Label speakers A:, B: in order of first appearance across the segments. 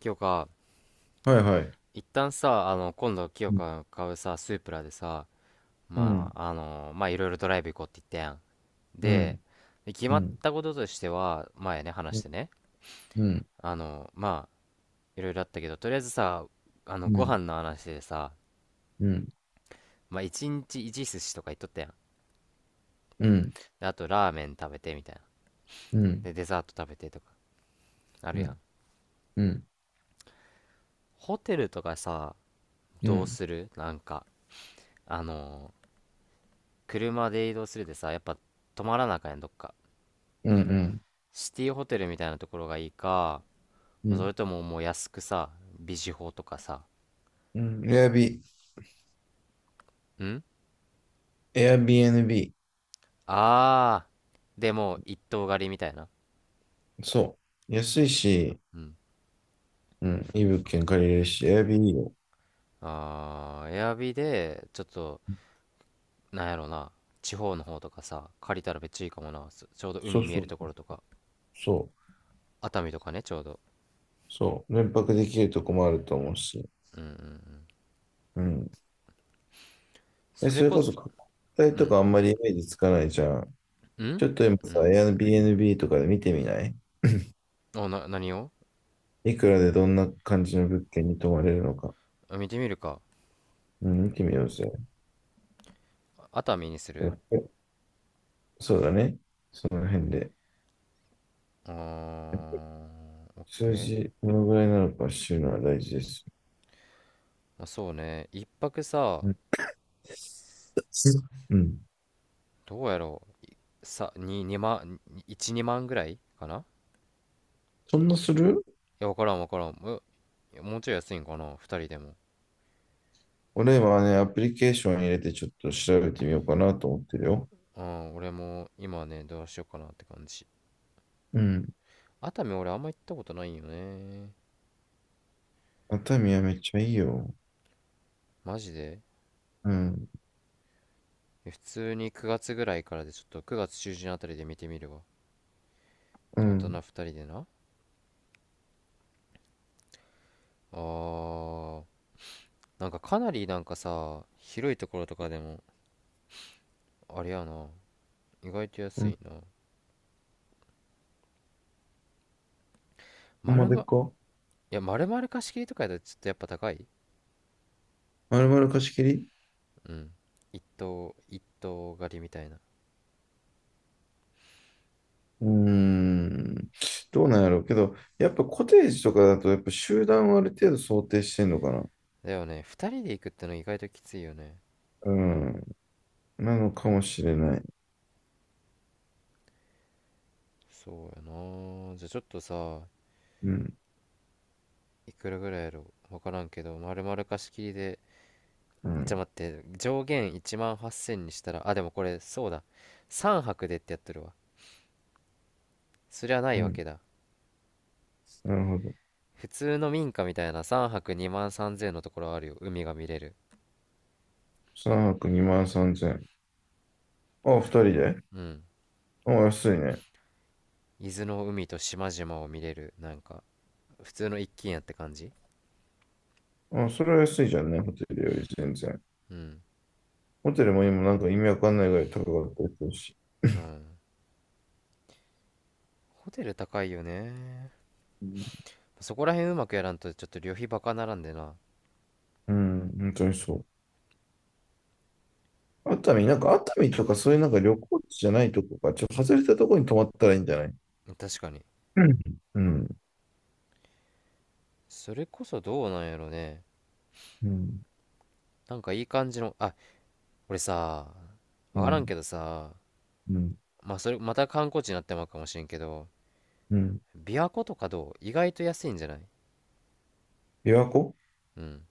A: 清香、
B: はいはい。
A: 一旦さ、今度清
B: うん、
A: 香が買うさ、スープラでさ、
B: う
A: ま
B: ん、
A: あ、まあ、いろいろドライブ行こうって言ったやん。
B: う
A: で、
B: ん、
A: 決
B: う
A: まっ
B: ん、
A: たこととしては、前ね、話
B: う
A: し
B: ん、
A: てね、
B: うん、
A: まあ、いろいろあったけど、とりあえずさ、
B: う
A: ご飯
B: ん、
A: の話でさ、
B: うん、
A: まあ、一日一寿司とか言っとったやん。
B: うん、
A: で、あと、ラーメン食べてみたいな。
B: うん、
A: で、デザート食べてとか、ある
B: う
A: や
B: ん、
A: ん。
B: うん、
A: ホテルとかさ、
B: う
A: どう
B: ん、
A: するなんか、あの、車で移動するでさ、やっぱ、泊まらなあかんやん、どっか。
B: うん、
A: シティホテルみたいなところがいいか、
B: う
A: そ
B: ん、
A: れとももう安くさ、ビジホとかさ、
B: うん、エアビ、
A: ん
B: エアビー NB。
A: あでもう一棟借りみたいな。
B: そう。安いし、
A: うん。
B: うん、いい物件借りれるし、エアビーいいよ。
A: あー、エアビで、ちょっと、なんやろな、地方の方とかさ、借りたらめっちゃいいかもな。ちょうど
B: そ
A: 海
B: う
A: 見え
B: そ
A: る
B: う、
A: ところとか、
B: そう、
A: 熱海とかね、ちょうど。
B: そう。連泊できるとこもあると思うし。うん。え、
A: そ
B: そ
A: れ
B: れ
A: こ
B: こ
A: そ。
B: そ、国体
A: う
B: と
A: ん。
B: かあんまりイメージつかないじゃん。ち
A: ん
B: ょっと今
A: う
B: さ、
A: ん。
B: エア r b n b とかで見てみない？
A: 何を。
B: いくらでどんな感じの物件に泊まれるのか。
A: あ、見てみるか。
B: うん、見てみようぜ。
A: 熱海にす
B: や
A: る？
B: っぱりそうだね。その辺で。
A: あ
B: やっぱ
A: ー、オッケ
B: 数
A: ー。
B: 字、どのぐらいなのか知るのは大事です。
A: まあ、そうね、一泊さ、
B: うん。うん。
A: どうやろさ、2、2万、1、2万ぐらいかな？い
B: そんなする？
A: や、わからんわからん。え、もうちょい安いんかな ?2 人でも。
B: 俺はね、アプリケーション入れてちょっと調べてみようかなと思ってるよ。
A: うん、俺も今ね、どうしようかなって感じ。
B: うん。
A: 熱海俺あんま行ったことないよね。
B: 熱海はめっちゃいいよ。
A: マジで？
B: うん。
A: 普通に9月ぐらいからでちょっと9月中旬あたりで見てみるわ。
B: う
A: 大
B: ん。
A: 人2人でな。あー、なんかかなりなんかさ、広いところとかでも、あれやな。意外と
B: う
A: 安
B: ん。
A: いな。
B: ほんまでっ
A: い
B: か？
A: や、丸々貸し切りとかやったらちょっとやっぱ高い。
B: 丸々貸し切り？
A: うん。一頭一頭狩りみたいな。
B: うーん。どうなんやろうけど、やっぱコテージとかだと、やっぱ集団をある程度想定してんのかな。
A: だよね、二人で行くっての意外ときついよね。
B: うん。なのかもしれない。
A: そうやな、じゃあちょっとさ、
B: うん。
A: いくらぐらいやろ、分からんけど、丸々貸し切りで。
B: う
A: じゃ
B: ん。
A: と待って、上限1万8000にしたら、あ、でもこれそうだ、三泊でってやってるわ。そりゃな
B: う
A: いわ
B: ん。
A: けだ。
B: なるほど。
A: 普通の民家みたいな三泊2万3000のところあるよ。海が見れる。
B: 3泊2万3千0？あ、2人で？
A: うん。
B: あ、安いね。
A: 伊豆の海と島々を見れる、なんか普通の一軒家って感じ。
B: あ、それは安いじゃんね、ホテルより全然。
A: うん。
B: ホテルも今なんか意味わかんないぐらい高かったりするし。
A: うん。ホテル高いよね。
B: うん。
A: そこら辺うまくやらんとちょっと旅費バカならんでな。
B: うん、本当にそう。熱海、なんか熱海とかそういうなんか旅行地じゃないとこか、ちょっと外れたとこに泊まったらいいんじゃない？
A: 確かに。
B: うん、うん、
A: それこそどうなんやろね。
B: うん、
A: なんかいい感じの、あ、俺さ、
B: う
A: わからんけどさ、
B: ん、
A: まあそれまた観光地になってまうかもしれんけど、
B: うん。
A: 琵琶湖とかどう？意外と安いんじゃない？
B: 琵琶湖？
A: うん。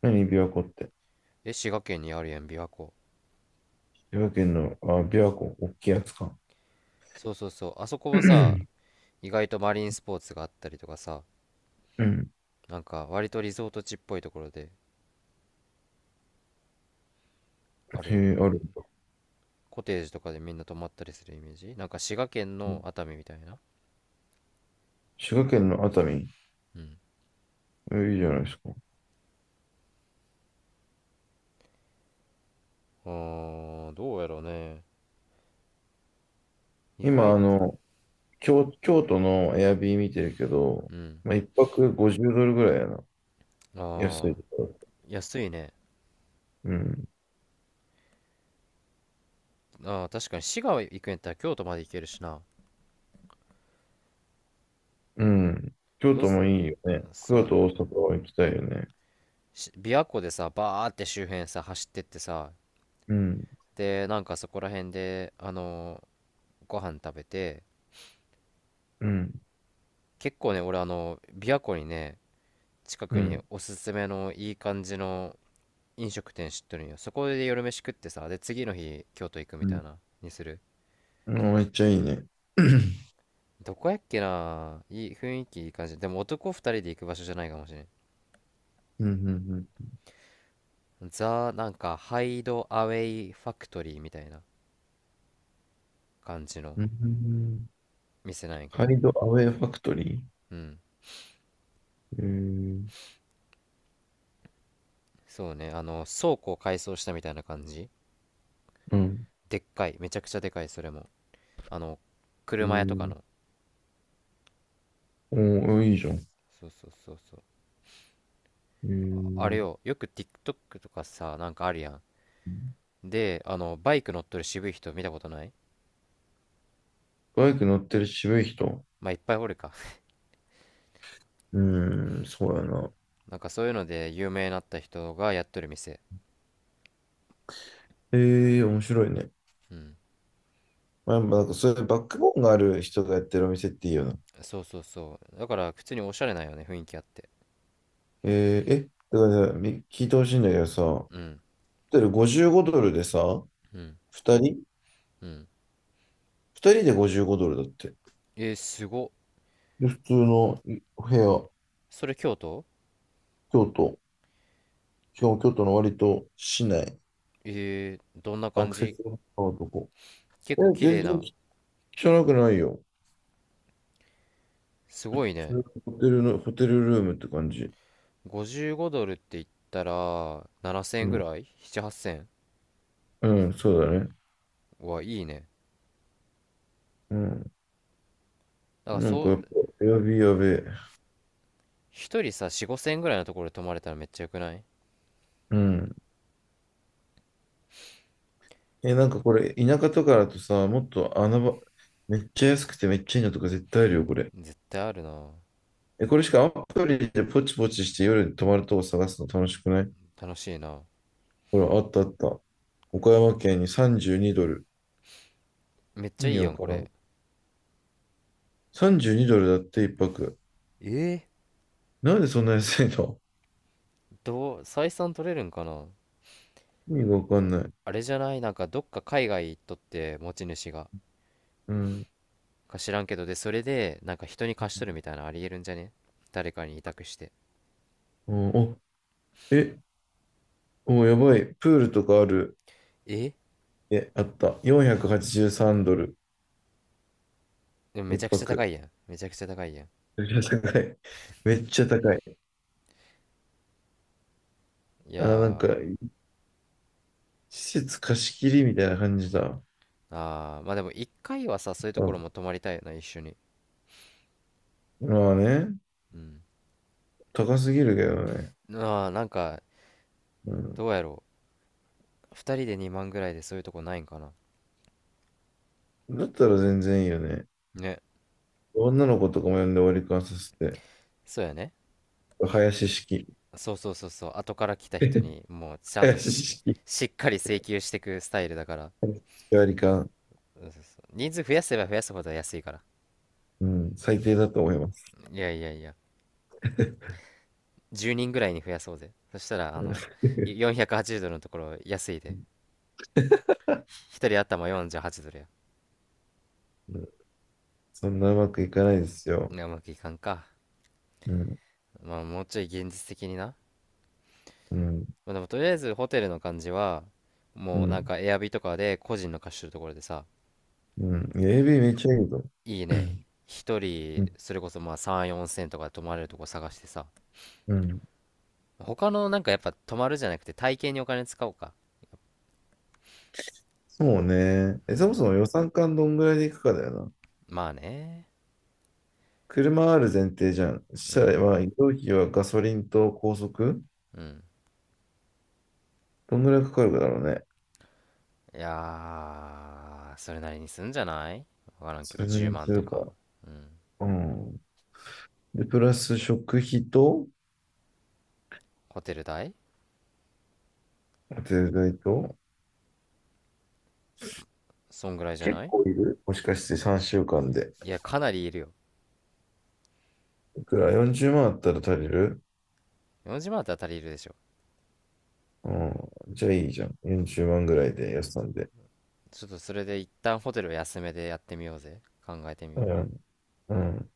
B: 何琵琶湖って。
A: え、滋賀県にあるやん、琵琶湖。
B: 琵琶県の、あ、琵琶湖、大きいやつか。
A: そうそうそう。あそこ
B: う
A: もさ、
B: ん、
A: 意外とマリンスポーツがあったりとかさ、なんか割とリゾート地っぽいところであるん
B: へ
A: よ
B: え、あるん
A: ね。
B: だ。
A: コテージとかでみんな泊まったりするイメージ、なんか滋賀県の熱海みたいな。
B: 滋賀県の熱海。
A: うん。
B: えいいじゃないですか。
A: あー、どうやろうね、意
B: 今、
A: 外
B: あ
A: と。
B: の、京、京都のエアビー見てるけど、
A: うん。
B: まあ、一泊50ドルぐらいやな。
A: あ
B: 安い
A: ー、
B: ところ。
A: 安いね。
B: うん。
A: あー、確かに滋賀行くんやったら京都まで行けるしな。
B: うん。京
A: どう
B: 都
A: す
B: もいいよね。京
A: そうね、
B: 都、大阪は行きたいよね。
A: し琵琶湖でさ、バーって周辺さ走ってってさ、
B: うん。
A: で、なんかそこら辺でご飯食べて、
B: うん。
A: 結構ね、俺、あの琵琶湖にね、近
B: う
A: くに
B: ん。
A: おすすめのいい感じの飲食店知ってるんよ。そこで夜飯食ってさ、で次の日京都行くみ
B: う
A: たい
B: ん。
A: な、にする？
B: うんめっちゃいいね。
A: どこやっけな、いい雰囲気いい感じ。でも男2人で行く場所じゃないかもしれん。
B: うん。うん。
A: ザなんかハイドアウェイファクトリーみたいな感じの
B: うん。うん。
A: 店なんやけ
B: ハ
A: ど。
B: イドアウェイファクトリー。
A: うん。
B: えー、
A: そうね、あの倉庫を改装したみたいな感じ。
B: うん。
A: でっかい、めちゃくちゃでかい、それも、あの
B: え
A: 車屋とか
B: ー、
A: の。
B: おー、いいじゃん。
A: そうそうそうそう。
B: え
A: あ、あれ
B: ー、
A: よ、よく TikTok とかさ、なんかあるやん。で、あのバイク乗っとる渋い人見たことない？
B: バイク乗ってる渋い人。
A: まあいっぱいおるか。
B: うーん、そうやな。
A: なんかそういうので有名になった人がやっとる店。
B: え、え、面白いね。
A: うん。
B: まあ、なんかそういうバックボーンがある人がやってるお店っていいよな。
A: そうそうそう、だから普通におしゃれなんよね、雰囲気あって。
B: えー、え、だからみ聞いてほしいんだけどさ、ホ
A: うん。
B: テル55ドルでさ、
A: うん。
B: 2人？
A: うん。
B: 2 人で55ドルだって。
A: えー、すごっ。
B: で、普通のいお部屋、
A: それ京都？
B: 京都、しかも京都の割と市内、
A: えー、どんな
B: ア
A: 感
B: クセ
A: じ？
B: スの高いとこ。
A: 結
B: え、
A: 構綺
B: 全
A: 麗
B: 然
A: な？
B: 汚くないよ。
A: すごい
B: そ
A: ね。
B: れホテルの、ホテルルームって感じ。
A: 55ドルって言ったら7000円
B: う
A: ぐ
B: ん、
A: らい ?7、8000。
B: うん、そうだね。
A: はいいね。
B: うん。
A: だから
B: なん
A: そ
B: かやっぱ、
A: う、
B: エアビーやべえ。
A: 一人さ4、5000円ぐらいのところで泊まれたらめっちゃよくない？
B: うん。え、なんかこれ、田舎とかだとさ、もっと穴場、めっちゃ安くてめっちゃいいのとか絶対あるよ、これ。
A: 絶対あるな。
B: え、これしかアプリでポチポチして夜に泊まるとこ探すの楽しくない？
A: 楽しいな。
B: ほら、あったあった。岡山県に32ドル。
A: めっ
B: 意
A: ちゃい
B: 味
A: いや
B: わ
A: ん
B: か
A: こ
B: らん。
A: れ。
B: 32ドルだって一泊。
A: え
B: なんでそんな安いの？
A: ー、どう採算取れるんかな？
B: 意味がわかんない。
A: あれじゃない、なんかどっか海外行っとって持ち主が、
B: うん。
A: か知らんけど、で、それでなんか人に貸しとるみたいなのありえるんじゃね？誰かに委託して。
B: うん、お、え、お、やばい。プールとかある。
A: え、
B: え、あった。483ドル。
A: でも
B: 一
A: めちゃくちゃ高
B: 泊。
A: いやん、めちゃくちゃ高いやん。
B: めっちゃ高い。めっちゃ高い。
A: い
B: あ、
A: や
B: なんか、
A: ー。
B: 施設貸し切りみたいな感じだ。
A: あー、まあでも一回はさ、そういうところも
B: あ、
A: 泊まりたいな、一緒に。
B: まあね、
A: うん。
B: 高すぎるけどね。
A: あー、なんか、どうやろう、二人で2万ぐらいでそういうとこないんかな？
B: うん、だったら全然いいよね。
A: ね。
B: 女の子とかも呼んで割り勘させて。
A: そうやね。
B: 林式。
A: そうそうそうそう、後から来た 人にもうちゃんと
B: 林
A: し、
B: 式。
A: しっかり請求してくスタイルだから、
B: 割り勘。
A: 人数増やせば増やすほど安いから。
B: うん、最
A: う
B: 低だ
A: ん。
B: と思います。
A: いやいやいや、10人ぐらいに増やそうぜ。そしたら、480ドルのところ安いで。1人頭48ドルや。
B: そんなうまくいかないです
A: い
B: よ。
A: や、うまくいかんか。
B: うん、
A: まあ、もうちょい現実的にな。
B: うん、
A: まあ、でも、とりあえずホテルの感じは、
B: う
A: もうなん
B: ん、
A: かエアビとかで個人の貸してるところでさ、
B: うん。AB めっちゃいいぞ。
A: いい
B: う
A: ね。一人、
B: ん、
A: それこそまあ3、4千とかで泊まれるとこ探してさ。
B: うん。
A: 他のなんかやっぱ泊まるじゃなくて体型にお金使おうか。
B: そうね。
A: う
B: え、そも
A: ん。
B: そも予算感どんぐらいでいくかだよな。
A: まあね。
B: 車ある前提じゃん。そし
A: う
B: た
A: ん。
B: ら、まあ、移動費はガソリンと高速
A: うん。
B: どんぐらいかかるかだろうね。
A: いやー、それなりにすんじゃない？わからんけ
B: そ
A: ど、
B: れなり
A: 10
B: にす
A: 万と
B: る
A: か。
B: か。うん。で、プラス食費と、
A: ホテル代。
B: ホテルと、
A: そんぐらいじゃ
B: 結
A: ない？
B: 構いるもしかして3週間で。
A: いや、かなりいるよ。
B: いくら？ 40 万あったら足りる？
A: 4時まんだったら足りるでしょ。
B: うん。じゃあいいじゃん。40万ぐらいで、予算で。
A: ちょっとそれで一旦ホテルを安めでやってみようぜ。考えてみよ
B: う
A: う。
B: ん。うん。